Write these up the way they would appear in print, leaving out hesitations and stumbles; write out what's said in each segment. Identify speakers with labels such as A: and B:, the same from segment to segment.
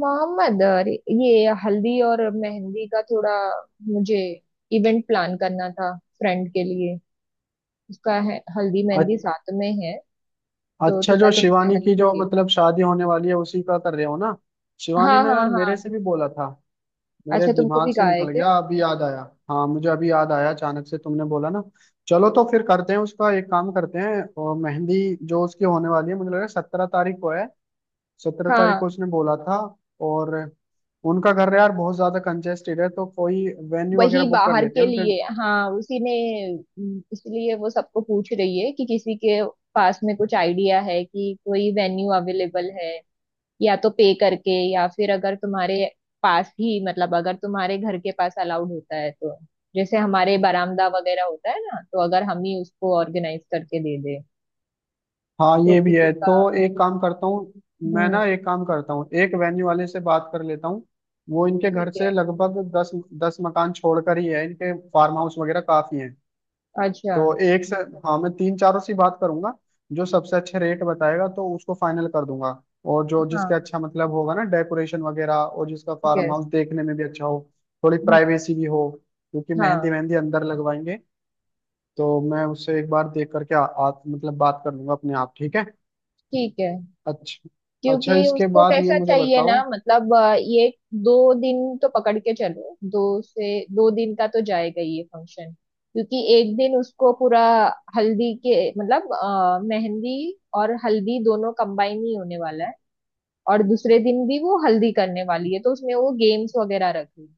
A: मोहम्मद, अरे ये हल्दी और मेहंदी का थोड़ा, मुझे इवेंट प्लान करना था फ्रेंड के लिए। उसका है हल्दी मेहंदी
B: अच-
A: साथ में है तो
B: अच्छा। जो
A: थोड़ा तुमसे
B: शिवानी
A: हेल्प
B: की जो
A: चाहिए।
B: मतलब शादी होने वाली है उसी का कर रहे हो ना। शिवानी
A: हाँ
B: ने
A: हाँ
B: यार मेरे से
A: हाँ।
B: भी बोला था, मेरे
A: अच्छा तुमको
B: दिमाग
A: भी
B: से
A: कहा है
B: निकल
A: क्या?
B: गया, अभी याद आया। हाँ, मुझे अभी याद आया, अचानक से तुमने बोला ना। चलो तो फिर करते हैं उसका, एक काम करते हैं। और मेहंदी जो उसकी होने वाली है, मुझे लग रहा है 17 तारीख को है। 17 तारीख को
A: हाँ,
B: उसने बोला था। और उनका घर यार बहुत ज्यादा कंजेस्टेड है, तो कोई वेन्यू वगैरह
A: वही
B: बुक कर
A: बाहर
B: लेते
A: के
B: हैं उनके।
A: लिए। हाँ, उसी ने इसलिए वो सबको पूछ रही है कि किसी के पास में कुछ आइडिया है कि कोई वेन्यू अवेलेबल है, या तो पे करके, या फिर अगर तुम्हारे पास ही, मतलब अगर तुम्हारे घर के पास अलाउड होता है तो, जैसे हमारे बरामदा वगैरह होता है ना, तो अगर हम ही उसको ऑर्गेनाइज करके दे दे
B: हाँ
A: तो
B: ये भी
A: किसी
B: है
A: का।
B: तो एक काम करता हूँ। मैं
A: हम्म।
B: ना एक काम करता हूँ, एक वेन्यू वाले से बात कर लेता हूँ। वो इनके
A: ठीक
B: घर से
A: है।
B: लगभग दस दस मकान छोड़कर ही है, इनके फार्म हाउस वगैरह काफी हैं।
A: अच्छा।
B: तो एक से, हाँ मैं तीन चारों से ही बात करूंगा। जो सबसे अच्छे रेट बताएगा तो उसको फाइनल कर दूंगा। और जो जिसके
A: हाँ।
B: अच्छा मतलब होगा ना डेकोरेशन वगैरह, और जिसका फार्म
A: यस।
B: हाउस देखने में भी अच्छा हो, थोड़ी प्राइवेसी भी हो, क्योंकि मेहंदी
A: हाँ।
B: मेहंदी अंदर लगवाएंगे। तो मैं उससे एक बार देख करके आ, आ, मतलब बात कर लूंगा अपने आप। ठीक है।
A: ठीक है।
B: अच्छा अच्छा,
A: क्योंकि
B: इसके
A: उसको
B: बाद ये
A: कैसा
B: मुझे
A: चाहिए ना,
B: बताओ।
A: मतलब ये दो दिन तो पकड़ के चलो, दो से दो दिन का तो जाएगा ये फंक्शन। क्योंकि एक दिन उसको पूरा हल्दी के मतलब मेहंदी और हल्दी दोनों कंबाइन ही होने वाला है। और दूसरे दिन भी वो हल्दी करने वाली है, तो उसमें वो गेम्स वगैरह रखेगी।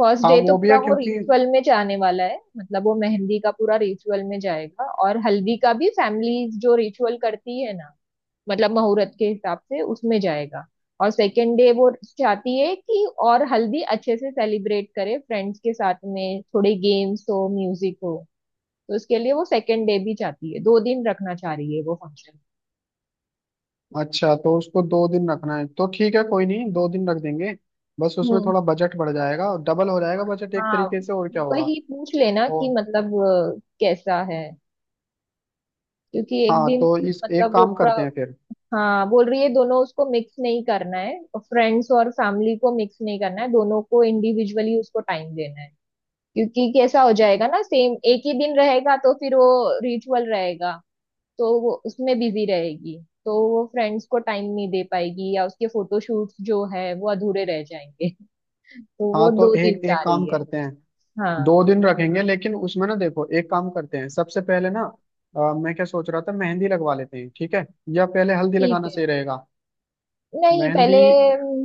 A: फर्स्ट
B: हाँ
A: डे तो
B: वो भी
A: पूरा
B: है
A: वो
B: क्योंकि,
A: रिचुअल में जाने वाला है, मतलब वो मेहंदी का पूरा रिचुअल में जाएगा और हल्दी का भी फैमिली जो रिचुअल करती है ना, मतलब मुहूर्त के हिसाब से, उसमें जाएगा। और सेकेंड डे वो चाहती है कि और हल्दी अच्छे से सेलिब्रेट करे फ्रेंड्स के साथ में, थोड़े गेम्स हो, म्यूजिक हो। तो उसके लिए वो सेकेंड डे भी चाहती है, दो दिन रखना चाह रही है वो फंक्शन।
B: अच्छा तो उसको 2 दिन रखना है तो ठीक है, कोई नहीं, 2 दिन रख देंगे। बस उसमें
A: हम्म।
B: थोड़ा बजट बढ़ जाएगा, और डबल हो जाएगा बजट एक
A: हाँ,
B: तरीके से, और क्या होगा।
A: वही पूछ लेना
B: ओ,
A: कि मतलब कैसा है। क्योंकि एक
B: हाँ
A: दिन
B: तो इस, एक
A: मतलब वो
B: काम
A: पूरा,
B: करते हैं फिर।
A: हाँ बोल रही है, दोनों उसको मिक्स नहीं करना है, फ्रेंड्स और फैमिली को मिक्स नहीं करना है, दोनों को इंडिविजुअली उसको टाइम देना है। क्योंकि कैसा हो जाएगा ना, सेम एक ही दिन रहेगा तो फिर वो रिचुअल रहेगा, तो वो उसमें बिजी रहेगी, तो वो फ्रेंड्स को टाइम नहीं दे पाएगी, या उसके फोटोशूट्स जो है वो अधूरे रह जाएंगे। तो
B: हाँ
A: वो
B: तो
A: दो दिन
B: एक
A: चाह
B: एक काम
A: रही है।
B: करते हैं,
A: हाँ।
B: 2 दिन रखेंगे, लेकिन उसमें ना देखो एक काम करते हैं सबसे पहले ना, मैं क्या सोच रहा था, मेहंदी लगवा लेते हैं ठीक है, या पहले हल्दी
A: ठीक
B: लगाना
A: है।
B: सही रहेगा।
A: नहीं, पहले
B: मेहंदी,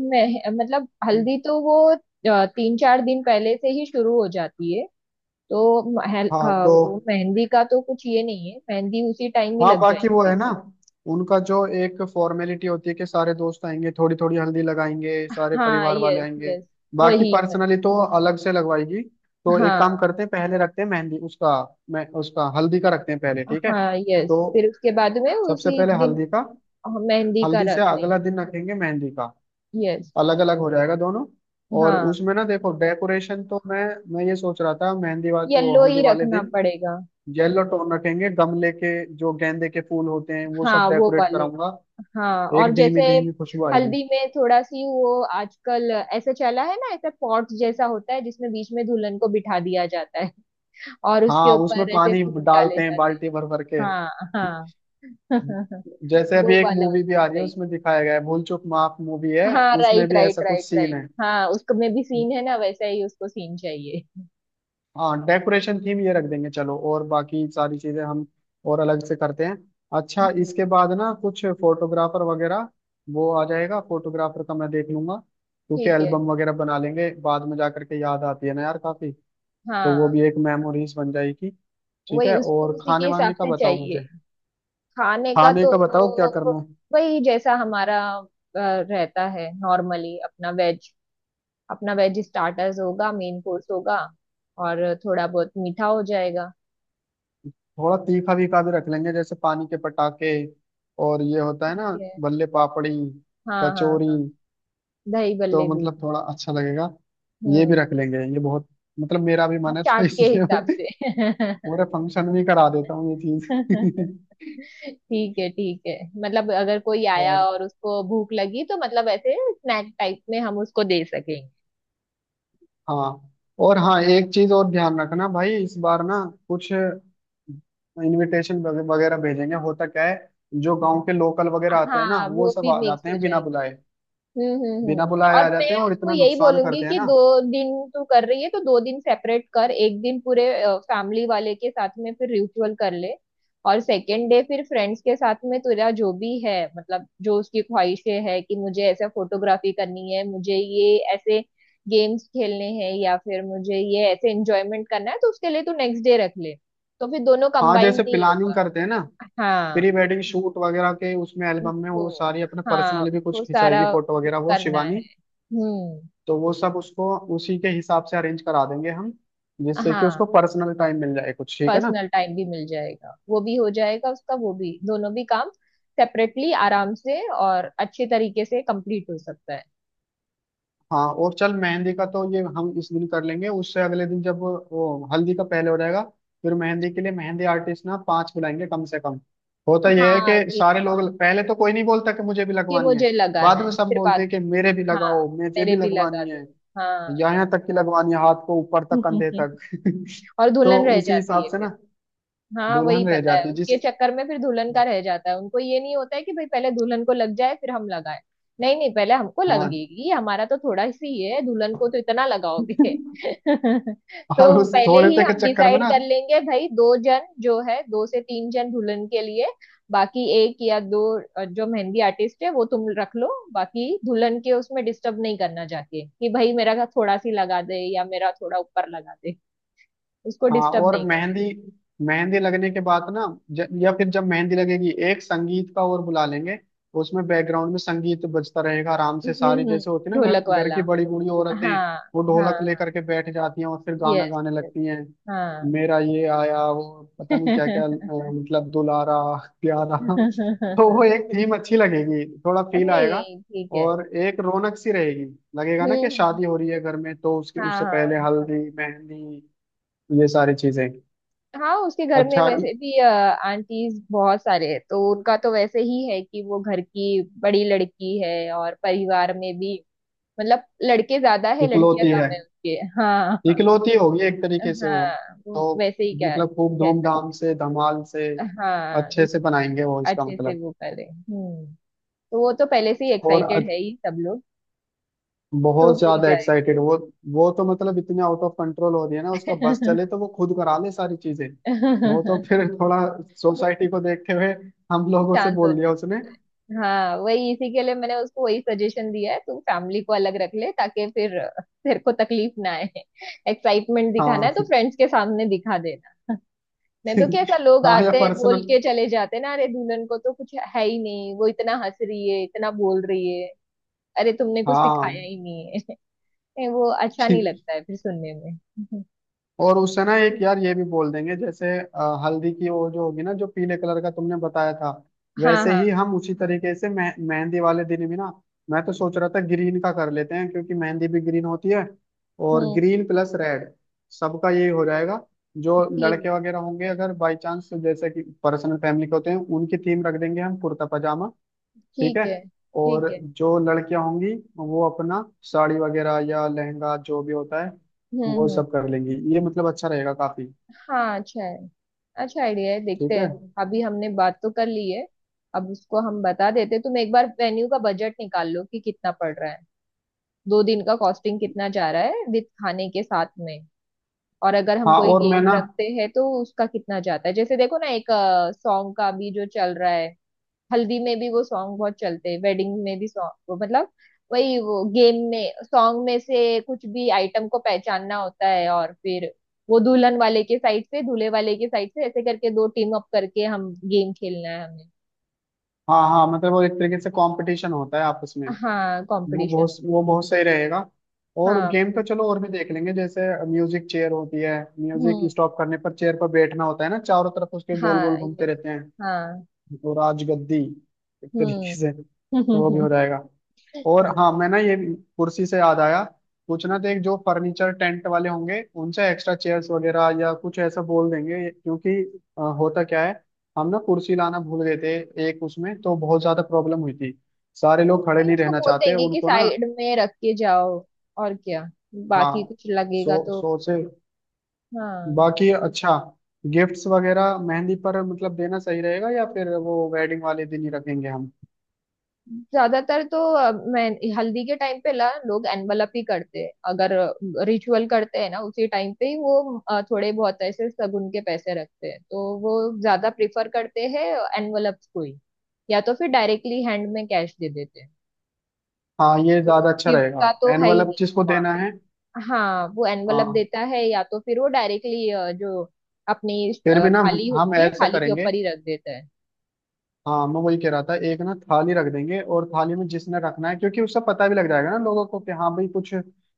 A: मैं मतलब हल्दी तो वो तीन चार दिन पहले से ही शुरू हो जाती है। तो
B: हाँ
A: हाँ,
B: तो,
A: वो मेहंदी का तो कुछ ये नहीं है, मेहंदी उसी टाइम ही
B: हाँ
A: लग
B: बाकी वो
A: जाएगी
B: है
A: एक
B: ना,
A: दिन।
B: उनका जो एक फॉर्मेलिटी होती है कि सारे दोस्त आएंगे थोड़ी थोड़ी हल्दी लगाएंगे, सारे
A: हाँ,
B: परिवार वाले
A: यस
B: आएंगे,
A: यस।
B: बाकी
A: वही है।
B: पर्सनली तो अलग से लगवाएगी। तो एक काम
A: हाँ
B: करते हैं, पहले रखते हैं मेहंदी उसका, मैं उसका हल्दी का रखते हैं पहले। ठीक है,
A: हाँ, यस,
B: तो
A: फिर उसके बाद में
B: सबसे
A: उसी
B: पहले
A: दिन
B: हल्दी का,
A: मेहंदी का
B: हल्दी से
A: रख लेंगे।
B: अगला दिन रखेंगे मेहंदी का।
A: यस।
B: अलग अलग हो जाएगा दोनों। और
A: हाँ,
B: उसमें ना देखो डेकोरेशन तो मैं ये सोच रहा था मेहंदी वाले वो
A: येलो
B: हल्दी
A: ही
B: वाले
A: रखना
B: दिन
A: पड़ेगा।
B: येलो टोन रखेंगे। गमले के जो गेंदे के फूल होते हैं वो सब
A: हाँ वो
B: डेकोरेट
A: वाले।
B: कराऊंगा,
A: हाँ, और
B: एक
A: जैसे
B: धीमी धीमी खुशबू आएगी।
A: हल्दी में थोड़ा सी वो, आजकल ऐसा चला है ना, ऐसा पॉट जैसा होता है जिसमें बीच में दुल्हन को बिठा दिया जाता है और उसके
B: हाँ उसमें
A: ऊपर ऐसे
B: पानी
A: फूल डाले
B: डालते हैं
A: जाते हैं।
B: बाल्टी भर भर के।
A: हाँ। हाँ।
B: जैसे अभी
A: वो
B: एक
A: वाला उसको
B: मूवी भी आ रही है
A: चाहिए।
B: उसमें दिखाया गया है, भूल चूक माफ मूवी है,
A: हाँ,
B: उसमें
A: राइट
B: भी
A: राइट
B: ऐसा कुछ
A: राइट
B: सीन
A: राइट,
B: है।
A: हाँ, उसको में भी सीन है ना, वैसा ही उसको सीन चाहिए।
B: हाँ डेकोरेशन थीम ये रख देंगे चलो, और बाकी सारी चीजें हम और अलग से करते हैं। अच्छा
A: हम्म,
B: इसके बाद ना कुछ फोटोग्राफर वगैरह, वो आ जाएगा, फोटोग्राफर का मैं देख लूंगा। क्योंकि
A: ठीक है।
B: एल्बम वगैरह बना लेंगे बाद में जा करके, याद आती है ना यार काफी। तो वो
A: हाँ,
B: भी एक मेमोरीज बन जाएगी। ठीक
A: वही
B: है,
A: उसको
B: और
A: उसी के
B: खाने
A: हिसाब
B: वाने का
A: से
B: बताओ
A: चाहिए।
B: मुझे,
A: खाने का
B: खाने
A: तो
B: का बताओ क्या करना है।
A: वही जैसा हमारा रहता है नॉर्मली अपना वेज, अपना वेज स्टार्टर्स होगा, मेन कोर्स होगा, और थोड़ा बहुत मीठा हो जाएगा।
B: थोड़ा तीखा वीखा भी रख लेंगे, जैसे पानी के पटाखे और ये होता है
A: ठीक
B: ना,
A: है।
B: बल्ले पापड़ी,
A: हाँ हाँ
B: कचौरी,
A: हाँ। दही
B: तो
A: बल्ले भी।
B: मतलब थोड़ा अच्छा लगेगा। ये भी
A: हम्म।
B: रख लेंगे ये बहुत, मतलब मेरा भी मन
A: आप
B: है तो
A: चाट के
B: इसलिए मैं
A: हिसाब से।
B: पूरे फंक्शन भी करा देता हूँ ये चीज
A: ठीक है ठीक है। मतलब अगर कोई आया
B: और
A: और उसको भूख लगी तो मतलब ऐसे स्नैक टाइप में हम उसको दे सकेंगे।
B: हाँ, और हाँ एक चीज और ध्यान रखना भाई, इस बार ना कुछ इनविटेशन वगैरह भेजेंगे, होता क्या है, जो गांव के लोकल वगैरह आते हैं ना
A: हाँ
B: वो
A: वो
B: सब
A: भी
B: आ
A: मिक्स
B: जाते
A: हो
B: हैं बिना
A: जाएंगे।
B: बुलाए, बिना
A: हम्म।
B: बुलाए
A: और
B: आ जाते
A: मैं
B: हैं और
A: उसको
B: इतना
A: यही
B: नुकसान
A: बोलूंगी
B: करते हैं
A: कि
B: ना।
A: दो दिन तू कर रही है तो दो दिन सेपरेट कर, एक दिन पूरे फैमिली वाले के साथ में फिर रिचुअल कर ले, और सेकेंड डे फिर फ्रेंड्स के साथ में तेरा जो भी है मतलब जो उसकी ख्वाहिशें है कि मुझे ऐसे फोटोग्राफी करनी है, मुझे ये ऐसे गेम्स खेलने हैं, या फिर मुझे ये ऐसे एंजॉयमेंट करना है, तो उसके लिए तू नेक्स्ट डे रख ले, तो फिर दोनों
B: हाँ
A: कंबाइन
B: जैसे
A: नहीं
B: प्लानिंग
A: होगा।
B: करते हैं ना
A: हाँ
B: प्री वेडिंग शूट वगैरह के, उसमें एल्बम में वो
A: वो।
B: सारी अपने
A: हाँ
B: पर्सनल भी कुछ
A: वो
B: खिंचाएगी
A: सारा
B: फोटो
A: वो
B: वगैरह वो
A: करना है।
B: शिवानी।
A: हम्म।
B: तो वो सब उसको उसी के हिसाब से अरेंज करा देंगे हम, जिससे कि
A: हाँ,
B: उसको पर्सनल टाइम मिल जाए कुछ, ठीक है ना।
A: पर्सनल टाइम भी मिल जाएगा, वो भी हो जाएगा उसका, वो भी दोनों भी काम सेपरेटली आराम से और अच्छे तरीके से कंप्लीट हो सकता है।
B: हाँ और चल, मेहंदी का तो ये हम इस दिन कर लेंगे, उससे अगले दिन जब वो हल्दी का पहले हो जाएगा। फिर मेहंदी के लिए मेहंदी आर्टिस्ट ना पांच बुलाएंगे कम से कम। होता यह है
A: हाँ
B: कि सारे लोग पहले तो कोई नहीं बोलता कि मुझे भी
A: कि
B: लगवानी है,
A: मुझे लगाना
B: बाद में
A: है
B: सब
A: फिर
B: बोलते
A: बात।
B: हैं कि मेरे भी
A: हाँ,
B: लगाओ, मुझे
A: मेरे
B: भी
A: भी लगा
B: लगवानी
A: दो।
B: है,
A: हाँ।
B: यहाँ तक की लगवानी है हाथ को ऊपर तक, कंधे तक
A: और
B: तो
A: दुल्हन रह
B: उसी हिसाब
A: जाती
B: से
A: है।
B: ना,
A: हाँ वही
B: दुल्हन रह
A: पता है,
B: जाती है जिस,
A: उसके चक्कर में फिर दुल्हन का रह जाता है, उनको ये नहीं होता है कि भाई पहले दुल्हन को लग जाए फिर हम लगाए। नहीं नहीं पहले हमको
B: हाँ,
A: लगेगी, हमारा तो थोड़ा सी ही है, दुल्हन को तो इतना लगाओगे।
B: और
A: तो
B: उस
A: पहले
B: थोड़े
A: ही
B: से के
A: हम
B: चक्कर में
A: डिसाइड
B: ना।
A: कर लेंगे, भाई दो जन जो है, दो से तीन जन दुल्हन के लिए, बाकी एक या दो जो मेहंदी आर्टिस्ट है वो तुम रख लो। बाकी दुल्हन के उसमें डिस्टर्ब नहीं करना चाहते कि भाई मेरा थोड़ा सी लगा दे या मेरा थोड़ा ऊपर लगा दे, उसको
B: हाँ
A: डिस्टर्ब
B: और
A: नहीं करे।
B: मेहंदी, मेहंदी लगने के बाद ना, या फिर जब मेहंदी लगेगी, एक संगीत का और बुला लेंगे, उसमें बैकग्राउंड में संगीत बजता रहेगा आराम से,
A: हम्म
B: सारी
A: हम्म,
B: जैसे होती है ना घर
A: ढोलक
B: घर की
A: वाला।
B: बड़ी बूढ़ी औरतें,
A: हाँ
B: वो ढोलक
A: हाँ।
B: लेकर के बैठ जाती हैं और फिर गाना
A: यस।
B: गाने
A: यस।
B: लगती हैं।
A: हाँ।
B: मेरा ये आया वो, पता नहीं क्या क्या मतलब, दुलारा, प्यारा। तो वो एक थीम अच्छी लगेगी, थोड़ा फील आएगा
A: नहीं ठीक है।
B: और एक रौनक सी रहेगी, लगेगा ना
A: हम्म
B: कि
A: हम्म, हम्म।
B: शादी हो रही है घर में, तो उसके
A: हाँ
B: उससे
A: हाँ
B: पहले हल्दी
A: समझे।
B: मेहंदी ये सारी चीजें।
A: हाँ उसके घर में
B: अच्छा
A: वैसे भी आंटीज बहुत सारे हैं, तो उनका तो वैसे ही है कि वो घर की बड़ी लड़की है और परिवार में भी मतलब लड़के ज्यादा है, लड़कियां
B: इकलौती
A: कम
B: है,
A: है उसके। हाँ हाँ।
B: इकलौती होगी एक तरीके से वो।
A: हाँ वो
B: तो
A: वैसे ही क्या
B: मतलब खूब
A: कह
B: धूमधाम
A: सकते।
B: से धमाल से अच्छे
A: हाँ,
B: से बनाएंगे वो इसका
A: अच्छे से
B: मतलब।
A: वो करे। हम्म। तो वो तो पहले से ही
B: और
A: एक्साइटेड है ही सब लोग, तो
B: बहुत
A: हो ही
B: ज्यादा
A: जाएगा।
B: एक्साइटेड वो। वो तो मतलब इतने आउट ऑफ कंट्रोल हो रही है ना, उसका बस चले तो वो खुद करा ले सारी चीजें। वो तो फिर थोड़ा सोसाइटी को देखते हुए हम लोगों से
A: शांत
B: बोल
A: होना
B: दिया
A: है।
B: उसने।
A: हाँ, वही इसी के लिए मैंने उसको वही सजेशन दिया है, तू फैमिली को अलग रख ले, ताकि फिर तेरे को तकलीफ ना आए। एक्साइटमेंट दिखाना
B: हाँ
A: है तो फ्रेंड्स के सामने दिखा देना। नहीं तो कैसा, लोग
B: हाँ या
A: आते हैं बोल
B: पर्सनल।
A: के चले जाते हैं ना, अरे दुल्हन को तो कुछ है ही नहीं, वो इतना हंस रही है, इतना बोल रही है, अरे तुमने कुछ सिखाया
B: हाँ
A: ही नहीं है। नहीं, वो अच्छा नहीं लगता है फिर सुनने में।
B: और उससे ना एक यार ये भी बोल देंगे जैसे, हल्दी की वो जो होगी ना, जो पीले कलर का तुमने बताया था,
A: हाँ
B: वैसे
A: हाँ।
B: ही हम उसी तरीके से मेहंदी वाले दिन भी ना, मैं तो सोच रहा था ग्रीन का कर लेते हैं क्योंकि मेहंदी भी ग्रीन होती है। और
A: हम्म।
B: ग्रीन प्लस रेड सबका यही हो जाएगा। जो
A: थीम।
B: लड़के वगैरह होंगे अगर बाई चांस, जैसे कि पर्सनल फैमिली के होते हैं, उनकी थीम रख देंगे हम कुर्ता। ठीक है।
A: ठीक है।
B: और
A: ठीक है।
B: जो लड़कियां होंगी वो अपना साड़ी वगैरह या लहंगा जो भी होता है, वो
A: हम्म।
B: सब कर लेंगी, ये मतलब अच्छा रहेगा काफी।
A: हाँ अच्छा है, अच्छा आइडिया है, देखते
B: ठीक है।
A: हैं। अभी हमने बात तो कर ली है, अब उसको हम बता देते हैं। तुम एक बार वेन्यू का बजट निकाल लो कि कितना पड़ रहा है, दो दिन का कॉस्टिंग कितना जा रहा है विद खाने के साथ में, और अगर हम
B: हाँ
A: कोई
B: और मैं
A: गेम
B: ना,
A: रखते हैं तो उसका कितना जाता है। जैसे देखो ना, एक सॉन्ग का भी जो चल रहा है, हल्दी में भी वो सॉन्ग बहुत चलते हैं, वेडिंग में भी सॉन्ग वो मतलब, वही वो गेम में सॉन्ग में से कुछ भी आइटम को पहचानना होता है, और फिर वो दुल्हन वाले के साइड से, दूल्हे वाले के साइड से, ऐसे करके दो टीम अप करके हम गेम खेलना है हमें।
B: हाँ हाँ मतलब वो एक तरीके से कंपटीशन होता है आपस में,
A: हाँ,
B: वो बहुत
A: कंपटीशन।
B: वो बहुत सही रहेगा। और
A: हाँ।
B: गेम तो चलो और भी देख लेंगे, जैसे म्यूजिक चेयर होती है, म्यूजिक
A: हम्म।
B: स्टॉप करने पर चेयर पर बैठना होता है ना, चारों तरफ उसके गोल
A: हाँ
B: गोल घूमते
A: यस।
B: रहते हैं।
A: हाँ।
B: तो राजगद्दी एक तरीके से, तो वो भी
A: हम्म।
B: हो जाएगा। और हाँ मैं ना ये, कुर्सी से याद आया, पूछना था एक जो फर्नीचर टेंट वाले होंगे उनसे एक्स्ट्रा चेयर्स वगैरह या कुछ ऐसा बोल देंगे, क्योंकि होता क्या है हम ना कुर्सी लाना भूल गए थे, एक उसमें तो बहुत ज्यादा प्रॉब्लम हुई थी, सारे लोग खड़े
A: नहीं,
B: नहीं
A: उसको
B: रहना
A: बोल
B: चाहते
A: देंगे कि
B: उनको ना।
A: साइड में रख के जाओ और क्या, बाकी
B: हाँ,
A: कुछ लगेगा तो।
B: सो से,
A: हाँ,
B: बाकी अच्छा। गिफ्ट्स वगैरह मेहंदी पर मतलब देना सही रहेगा, या फिर वो वेडिंग वाले दिन ही रखेंगे हम।
A: ज्यादातर तो मैं हल्दी के टाइम पे ला लोग एनवलप ही करते हैं, अगर रिचुअल करते हैं ना उसी टाइम पे ही वो थोड़े बहुत ऐसे शगुन के पैसे रखते हैं, तो वो ज्यादा प्रिफर करते हैं एनवलप को ही, या तो फिर डायरेक्टली हैंड में कैश दे देते हैं।
B: हाँ ये
A: तो
B: ज्यादा अच्छा
A: गिफ्ट
B: रहेगा,
A: का तो है ही
B: एनवलप
A: नहीं
B: जिसको
A: वहां
B: देना
A: पे।
B: है।
A: हाँ, वो एनवलप
B: हाँ
A: देता है, या तो फिर वो डायरेक्टली जो अपनी
B: फिर भी ना
A: थाली
B: हम
A: होती है,
B: ऐसा
A: थाली के
B: करेंगे,
A: ऊपर ही रख देता है।
B: हाँ मैं वही कह रहा था एक ना थाली रख देंगे और थाली में जिसने रखना है, क्योंकि उससे पता भी लग जाएगा ना लोगों को कि हाँ भाई कुछ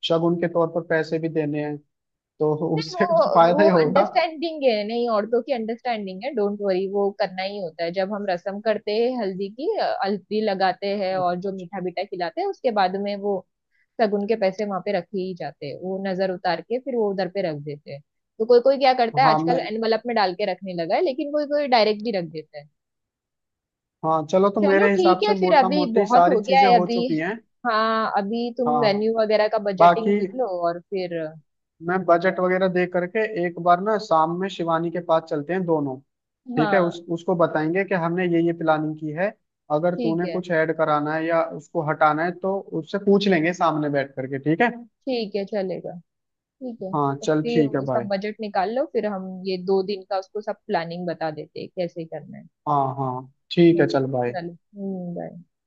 B: शगुन के तौर पर पैसे भी देने हैं, तो
A: नहीं
B: उससे
A: वो,
B: कुछ फायदा
A: वो
B: ही होगा।
A: अंडरस्टैंडिंग है नहीं, औरतों की अंडरस्टैंडिंग है, डोंट वरी, वो करना ही होता है। जब हम रसम करते हैं हल्दी की, हल्दी लगाते हैं और जो मीठा बीठा खिलाते हैं उसके बाद में वो शगुन के पैसे वहां पे रखे ही जाते हैं, वो नजर उतार के फिर वो उधर पे रख देते हैं। तो कोई कोई क्या करता है
B: हाँ
A: आजकल
B: मैं,
A: एनवलप में डाल के रखने लगा है, लेकिन कोई कोई डायरेक्ट भी रख देता है।
B: हाँ चलो तो
A: चलो
B: मेरे
A: ठीक
B: हिसाब से
A: है, फिर
B: मोटा
A: अभी
B: मोटी
A: बहुत
B: सारी
A: हो गया
B: चीजें
A: है
B: हो
A: अभी।
B: चुकी हैं।
A: हाँ, अभी तुम
B: हाँ
A: वेन्यू वगैरह का बजटिंग
B: बाकी
A: कर लो और फिर।
B: मैं बजट वगैरह दे करके एक बार ना शाम में शिवानी के पास चलते हैं दोनों, ठीक है,
A: हाँ
B: उस उसको बताएंगे कि हमने ये प्लानिंग की है, अगर
A: ठीक
B: तूने
A: है।
B: कुछ ऐड कराना है या उसको हटाना है तो उससे पूछ लेंगे सामने बैठ करके। ठीक है।
A: ठीक है चलेगा, ठीक है।
B: हाँ
A: तो
B: चल ठीक है
A: फिर
B: भाई।
A: सब बजट निकाल लो, फिर हम ये दो दिन का उसको सब प्लानिंग बता देते हैं कैसे करना है।
B: हाँ हाँ ठीक है
A: हम्म,
B: चल भाई।
A: चलो। हम्म, बाय।